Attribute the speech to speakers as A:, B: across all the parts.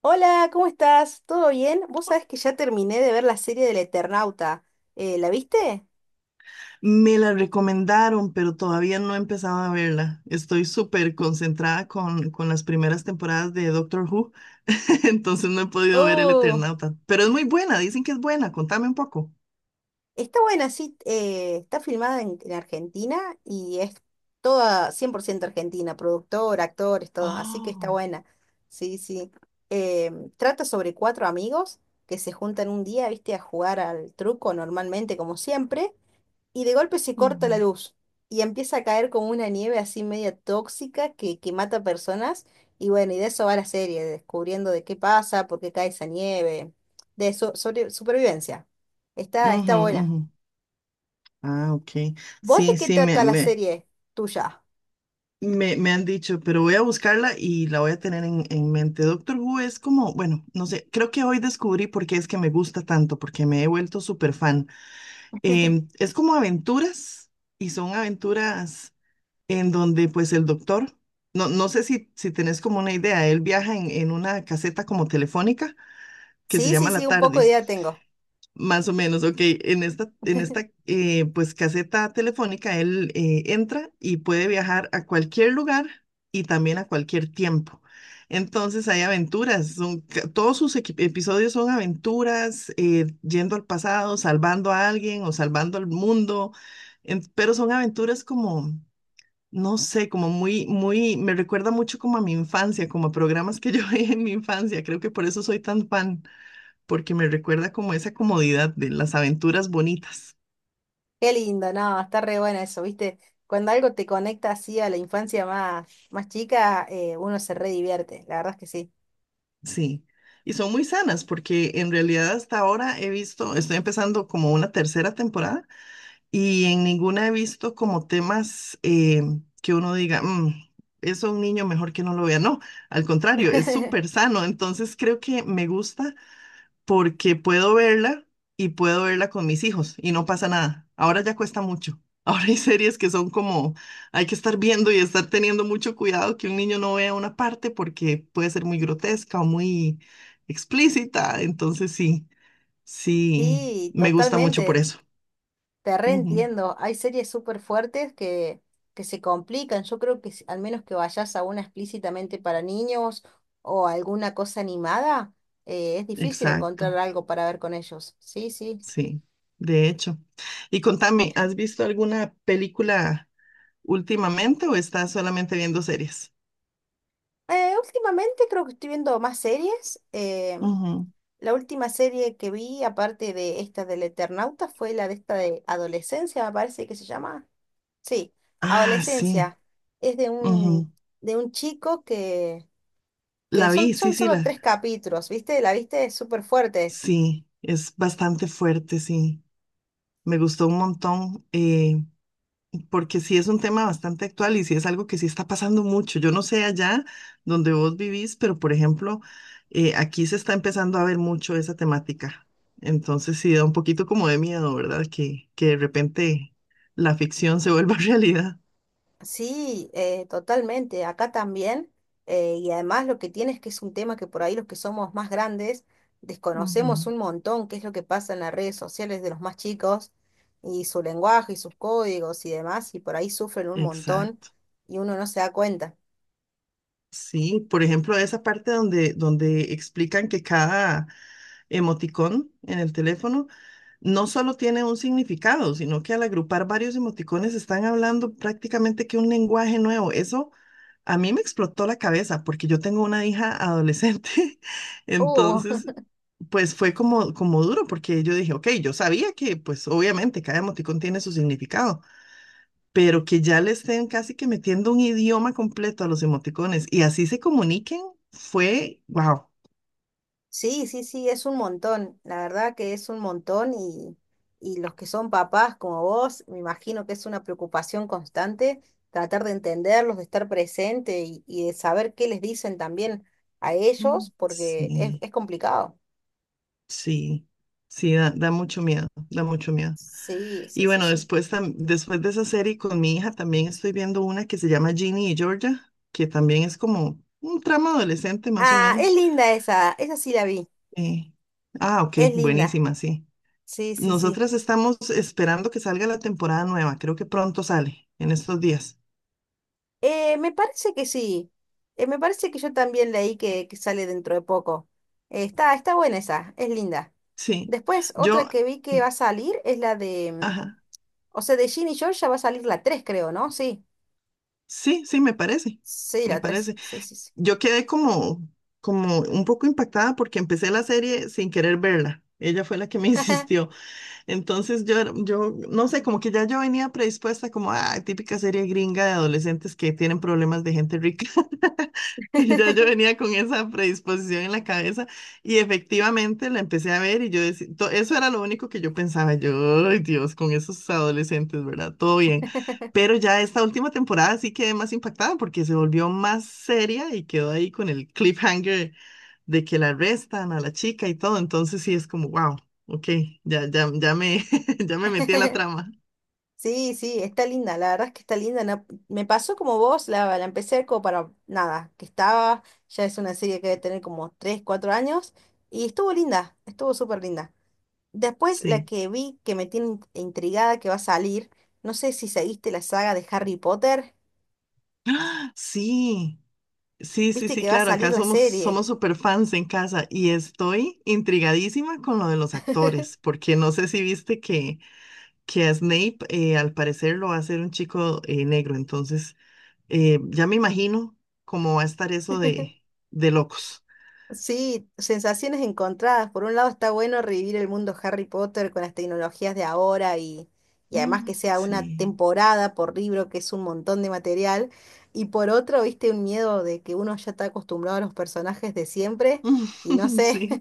A: Hola, ¿cómo estás? ¿Todo bien? Vos sabés que ya terminé de ver la serie del Eternauta. ¿La viste?
B: Me la recomendaron, pero todavía no he empezado a verla. Estoy súper concentrada con las primeras temporadas de Doctor Who, entonces no he podido ver El
A: Oh,
B: Eternauta. Pero es muy buena, dicen que es buena. Contame un poco.
A: está buena, sí. Está filmada en Argentina y es toda 100% argentina, productor, actores, todo. Así que está
B: Oh,
A: buena. Sí, sí. Trata sobre cuatro amigos que se juntan un día, viste, a jugar al truco normalmente, como siempre. Y de golpe se corta la
B: ujú,
A: luz y empieza a caer como una nieve así media tóxica que mata personas. Y bueno, y de eso va la serie, descubriendo de qué pasa, por qué cae esa nieve, sobre supervivencia. Está
B: ujú,
A: buena.
B: ujú. Ah, ok.
A: ¿Vos de
B: Sí,
A: qué
B: sí, me,
A: trata la
B: me,
A: serie tuya?
B: me, me han dicho, pero voy a buscarla y la voy a tener en mente. Doctor Who es como, bueno, no sé, creo que hoy descubrí por qué es que me gusta tanto, porque me he vuelto súper fan. Es como aventuras y son aventuras en donde pues el doctor, no sé si tenés como una idea, él viaja en una caseta como telefónica que se
A: Sí,
B: llama
A: sí, sí,
B: la
A: un poco de
B: TARDIS.
A: idea tengo.
B: Más o menos, ok. En esta pues caseta telefónica él entra y puede viajar a cualquier lugar y también a cualquier tiempo. Entonces hay aventuras, son, todos sus episodios son aventuras, yendo al pasado, salvando a alguien o salvando al mundo, pero son aventuras como, no sé, como muy, me recuerda mucho como a mi infancia, como a programas que yo veía en mi infancia, creo que por eso soy tan fan porque me recuerda como esa comodidad de las aventuras bonitas,
A: Qué lindo, no, está re buena eso, ¿viste? Cuando algo te conecta así a la infancia más, más chica, uno se re divierte, la verdad es que sí.
B: sí. Y son muy sanas porque en realidad hasta ahora he visto, estoy empezando como una tercera temporada y en ninguna he visto como temas que uno diga, "Mm, eso a un niño mejor que no lo vea." No, al contrario, es súper sano. Entonces creo que me gusta porque puedo verla y puedo verla con mis hijos y no pasa nada. Ahora ya cuesta mucho. Ahora hay series que son como, hay que estar viendo y estar teniendo mucho cuidado que un niño no vea una parte porque puede ser muy grotesca o muy explícita. Entonces sí, sí,
A: Sí,
B: me gusta mucho por
A: totalmente.
B: eso.
A: Te
B: Ujú,
A: reentiendo, hay series súper fuertes que se complican. Yo creo que al menos que vayas a una explícitamente para niños o alguna cosa animada, es difícil encontrar
B: exacto,
A: algo para ver con ellos. Sí, sí.
B: sí, de hecho. Y contame, ¿has visto alguna película últimamente o estás solamente viendo series?
A: Últimamente creo que estoy viendo más series.
B: Ujú.
A: La última serie que vi, aparte de esta del Eternauta, fue la de esta de Adolescencia, me parece que se llama. Sí,
B: Ah, sí.
A: Adolescencia. Es de de un chico que
B: La
A: son,
B: vi, sí,
A: son
B: sí,
A: solo
B: la,
A: tres capítulos, ¿viste? La viste súper fuertes.
B: sí, es bastante fuerte, sí. Me gustó un montón, porque sí es un tema bastante actual y sí es algo que sí está pasando mucho. Yo no sé allá donde vos vivís, pero por ejemplo, aquí se está empezando a ver mucho esa temática. Entonces sí da un poquito como de miedo, ¿verdad? Que de repente la ficción se vuelva realidad.
A: Sí, totalmente, acá también. Y además lo que tiene es que es un tema que por ahí los que somos más grandes
B: Ujú,
A: desconocemos un montón qué es lo que pasa en las redes sociales de los más chicos y su lenguaje y sus códigos y demás, y por ahí sufren un montón
B: exacto.
A: y uno no se da cuenta.
B: Sí, por ejemplo, esa parte donde explican que cada emoticón en el teléfono no solo tiene un significado, sino que al agrupar varios emoticones están hablando prácticamente que un lenguaje nuevo. Eso a mí me explotó la cabeza porque yo tengo una hija adolescente,
A: Uh,
B: entonces pues fue como, como duro porque yo dije, ok, yo sabía que pues obviamente cada emoticón tiene su significado pero que ya le estén casi que metiendo un idioma completo a los emoticones y así se comuniquen, fue, wow.
A: Sí, sí, sí, es un montón, la verdad que es un montón y los que son papás como vos, me imagino que es una preocupación constante tratar de entenderlos, de estar presente y de saber qué les dicen también a
B: Mm,
A: ellos, porque
B: sí,
A: es complicado.
B: sí, sí, da, da mucho miedo, da mucho miedo.
A: Sí,
B: Y
A: sí, sí,
B: bueno,
A: sí.
B: después, después de esa serie con mi hija también estoy viendo una que se llama Ginny y Georgia, que también es como un trama adolescente más o
A: Ah, es
B: menos.
A: linda esa sí la vi,
B: Eh, ah, ok,
A: es linda,
B: buenísima, sí.
A: sí, sí, sí.
B: Nosotras estamos esperando que salga la temporada nueva, creo que pronto sale, en estos días.
A: Me parece que sí. Me parece que yo también leí que sale dentro de poco. Está buena esa, es linda.
B: Sí,
A: Después, otra
B: yo,
A: que vi que va a salir es la de,
B: ajá.
A: o sea, de Ginny y Georgia va a salir la tres creo, ¿no? Sí.
B: Sí, sí, me parece,
A: Sí,
B: me
A: la tres.
B: parece.
A: Sí, sí, sí.
B: Yo quedé como, como un poco impactada porque empecé la serie sin querer verla. Ella fue la que me insistió. Entonces yo, yo, no sé, como que ya yo venía predispuesta como ah típica serie gringa de adolescentes que tienen problemas de gente rica. Y ya yo venía con esa predisposición en la cabeza y efectivamente la empecé a ver y yo decía, eso era lo único que yo pensaba, yo, ay Dios, con esos adolescentes, ¿verdad? Todo bien. Pero ya esta última temporada sí quedé más impactada porque se volvió más seria y quedó ahí con el cliffhanger de que la arrestan a la chica y todo, entonces sí es como, wow, ok, ya, ya, ya me, ya me metí en la trama.
A: Sí, sí, está linda, la verdad es que está linda. Me pasó como vos, la empecé como para nada, que estaba, ya es una serie que debe tener como 3 4 años, y estuvo linda, estuvo súper linda. Después, la
B: Sí,
A: que vi que me tiene intrigada que va a salir, no sé si seguiste la saga de Harry Potter,
B: sí, sí, sí,
A: viste
B: sí,
A: que va a
B: claro,
A: salir
B: acá
A: la
B: somos,
A: serie.
B: somos super fans en casa y estoy intrigadísima con lo de los actores, porque no sé si viste que a Snape al parecer lo va a hacer un chico negro, entonces ya me imagino cómo va a estar eso de locos.
A: Sí, sensaciones encontradas. Por un lado está bueno revivir el mundo Harry Potter con las tecnologías de ahora y además que
B: Mm,
A: sea una
B: sí,
A: temporada por libro, que es un montón de material. Y por otro, viste un miedo de que uno ya está acostumbrado a los personajes de siempre y no sé.
B: sí.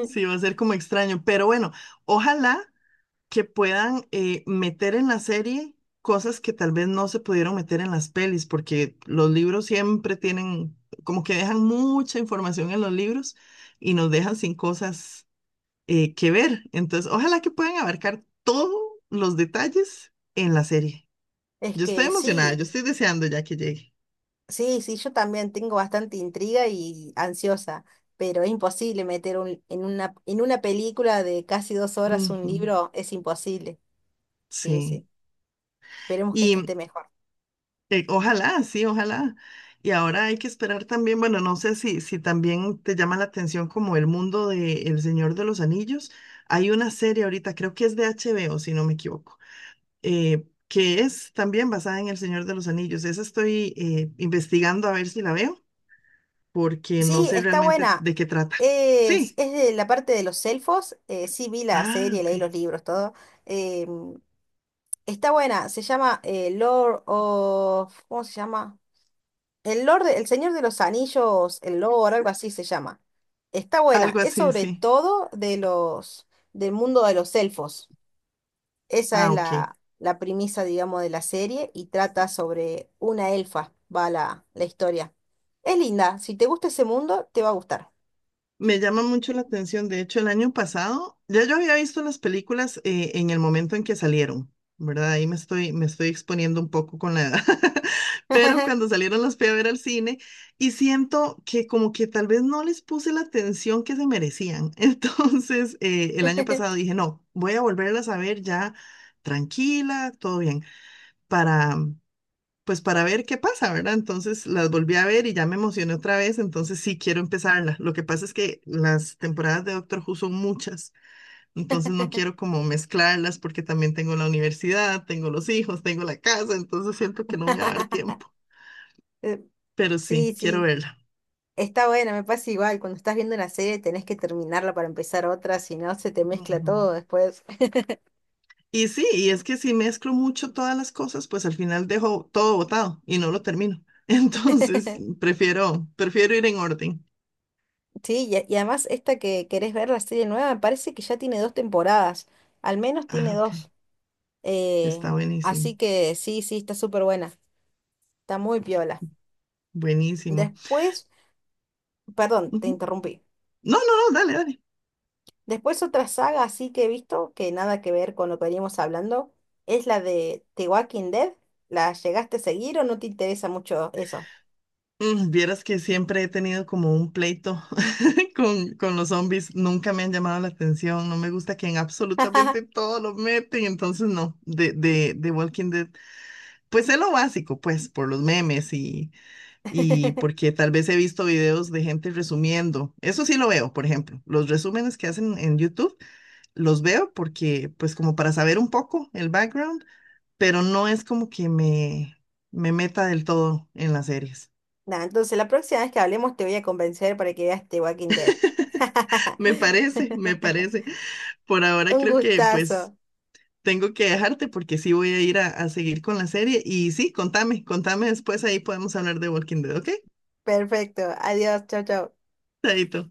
B: Sí, va a ser como extraño, pero bueno, ojalá que puedan meter en la serie cosas que tal vez no se pudieron meter en las pelis, porque los libros siempre tienen, como que dejan mucha información en los libros y nos dejan sin cosas que ver. Entonces, ojalá que puedan abarcar todos los detalles en la serie.
A: Es
B: Yo estoy
A: que
B: emocionada, yo
A: sí.
B: estoy deseando ya que llegue.
A: Sí, sí, yo también tengo bastante intriga y ansiosa, pero es imposible meter en una película de casi 2 horas un
B: Ujú,
A: libro, es imposible. Sí,
B: sí.
A: sí. Esperemos que
B: Y
A: esta esté mejor.
B: Ojalá, sí, ojalá. Y ahora hay que esperar también, bueno, no sé si, si también te llama la atención como el mundo de El Señor de los Anillos. Hay una serie ahorita, creo que es de HBO, si no me equivoco, que es también basada en El Señor de los Anillos. Esa estoy investigando a ver si la veo, porque no
A: Sí,
B: sé
A: está
B: realmente
A: buena.
B: de qué trata. Sí.
A: Es de la parte de los elfos. Sí, vi la
B: Ah,
A: serie,
B: ok.
A: leí los libros, todo. Em, está buena. Se llama Lord of... ¿Cómo se llama? El Lord, el Señor de los Anillos, el Lord, algo así se llama. Está buena.
B: Algo
A: Es
B: así,
A: sobre
B: sí.
A: todo del mundo de los elfos. Esa es
B: Ah, ok.
A: la premisa, digamos, de la serie y trata sobre una elfa, va la historia. Es linda. Si te gusta ese mundo, te va a gustar.
B: Me llama mucho la atención. De hecho, el año pasado ya yo había visto las películas en el momento en que salieron, ¿verdad? Ahí me estoy exponiendo un poco con la edad. Pero cuando salieron las fui a ver al cine y siento que como que tal vez no les puse la atención que se merecían. Entonces, el año pasado dije, no, voy a volverlas a ver ya tranquila, todo bien, para pues para ver qué pasa, ¿verdad? Entonces las volví a ver y ya me emocioné otra vez, entonces sí quiero empezarla. Lo que pasa es que las temporadas de Doctor Who son muchas, entonces no quiero como mezclarlas porque también tengo la universidad, tengo los hijos, tengo la casa, entonces siento que no me va a dar tiempo,
A: Eh,
B: pero
A: sí,
B: sí, quiero
A: sí.
B: verla.
A: Está buena, me pasa igual. Cuando estás viendo una serie tenés que terminarla para empezar otra, si no se te mezcla
B: Ujú.
A: todo después.
B: Y sí, y es que si mezclo mucho todas las cosas, pues al final dejo todo botado y no lo termino. Entonces, prefiero, prefiero ir en orden.
A: Sí, y además esta que querés ver, la serie nueva, me parece que ya tiene dos temporadas, al menos tiene
B: Ah, ok.
A: dos. eh,
B: Está buenísimo.
A: Así que sí, sí, está súper buena, está muy piola.
B: Buenísimo.
A: Después, perdón, te
B: Ujú.
A: interrumpí.
B: No, no, no, dale, dale.
A: Después otra saga así que he visto, que nada que ver con lo que veníamos hablando, es la de The Walking Dead. ¿La llegaste a seguir o no te interesa mucho eso?
B: Mm, vieras que siempre he tenido como un pleito con los zombies. Nunca me han llamado la atención. No me gusta que en absolutamente todo lo meten. Entonces, no, de Walking Dead. Pues es lo básico, pues, por los memes y porque tal vez he visto videos de gente resumiendo. Eso sí lo veo, por ejemplo. Los resúmenes que hacen en YouTube los veo porque, pues, como para saber un poco el background, pero no es como que me meta del todo en las series.
A: Nada, entonces la próxima vez que hablemos te voy a convencer para que veas The Walking Dead.
B: Me parece, me parece. Por ahora
A: Un
B: creo que pues
A: gustazo.
B: tengo que dejarte porque sí voy a ir a seguir con la serie. Y sí, contame, contame después, ahí podemos hablar de Walking Dead, ¿ok?
A: Perfecto. Adiós. Chao, chao.
B: Chaito.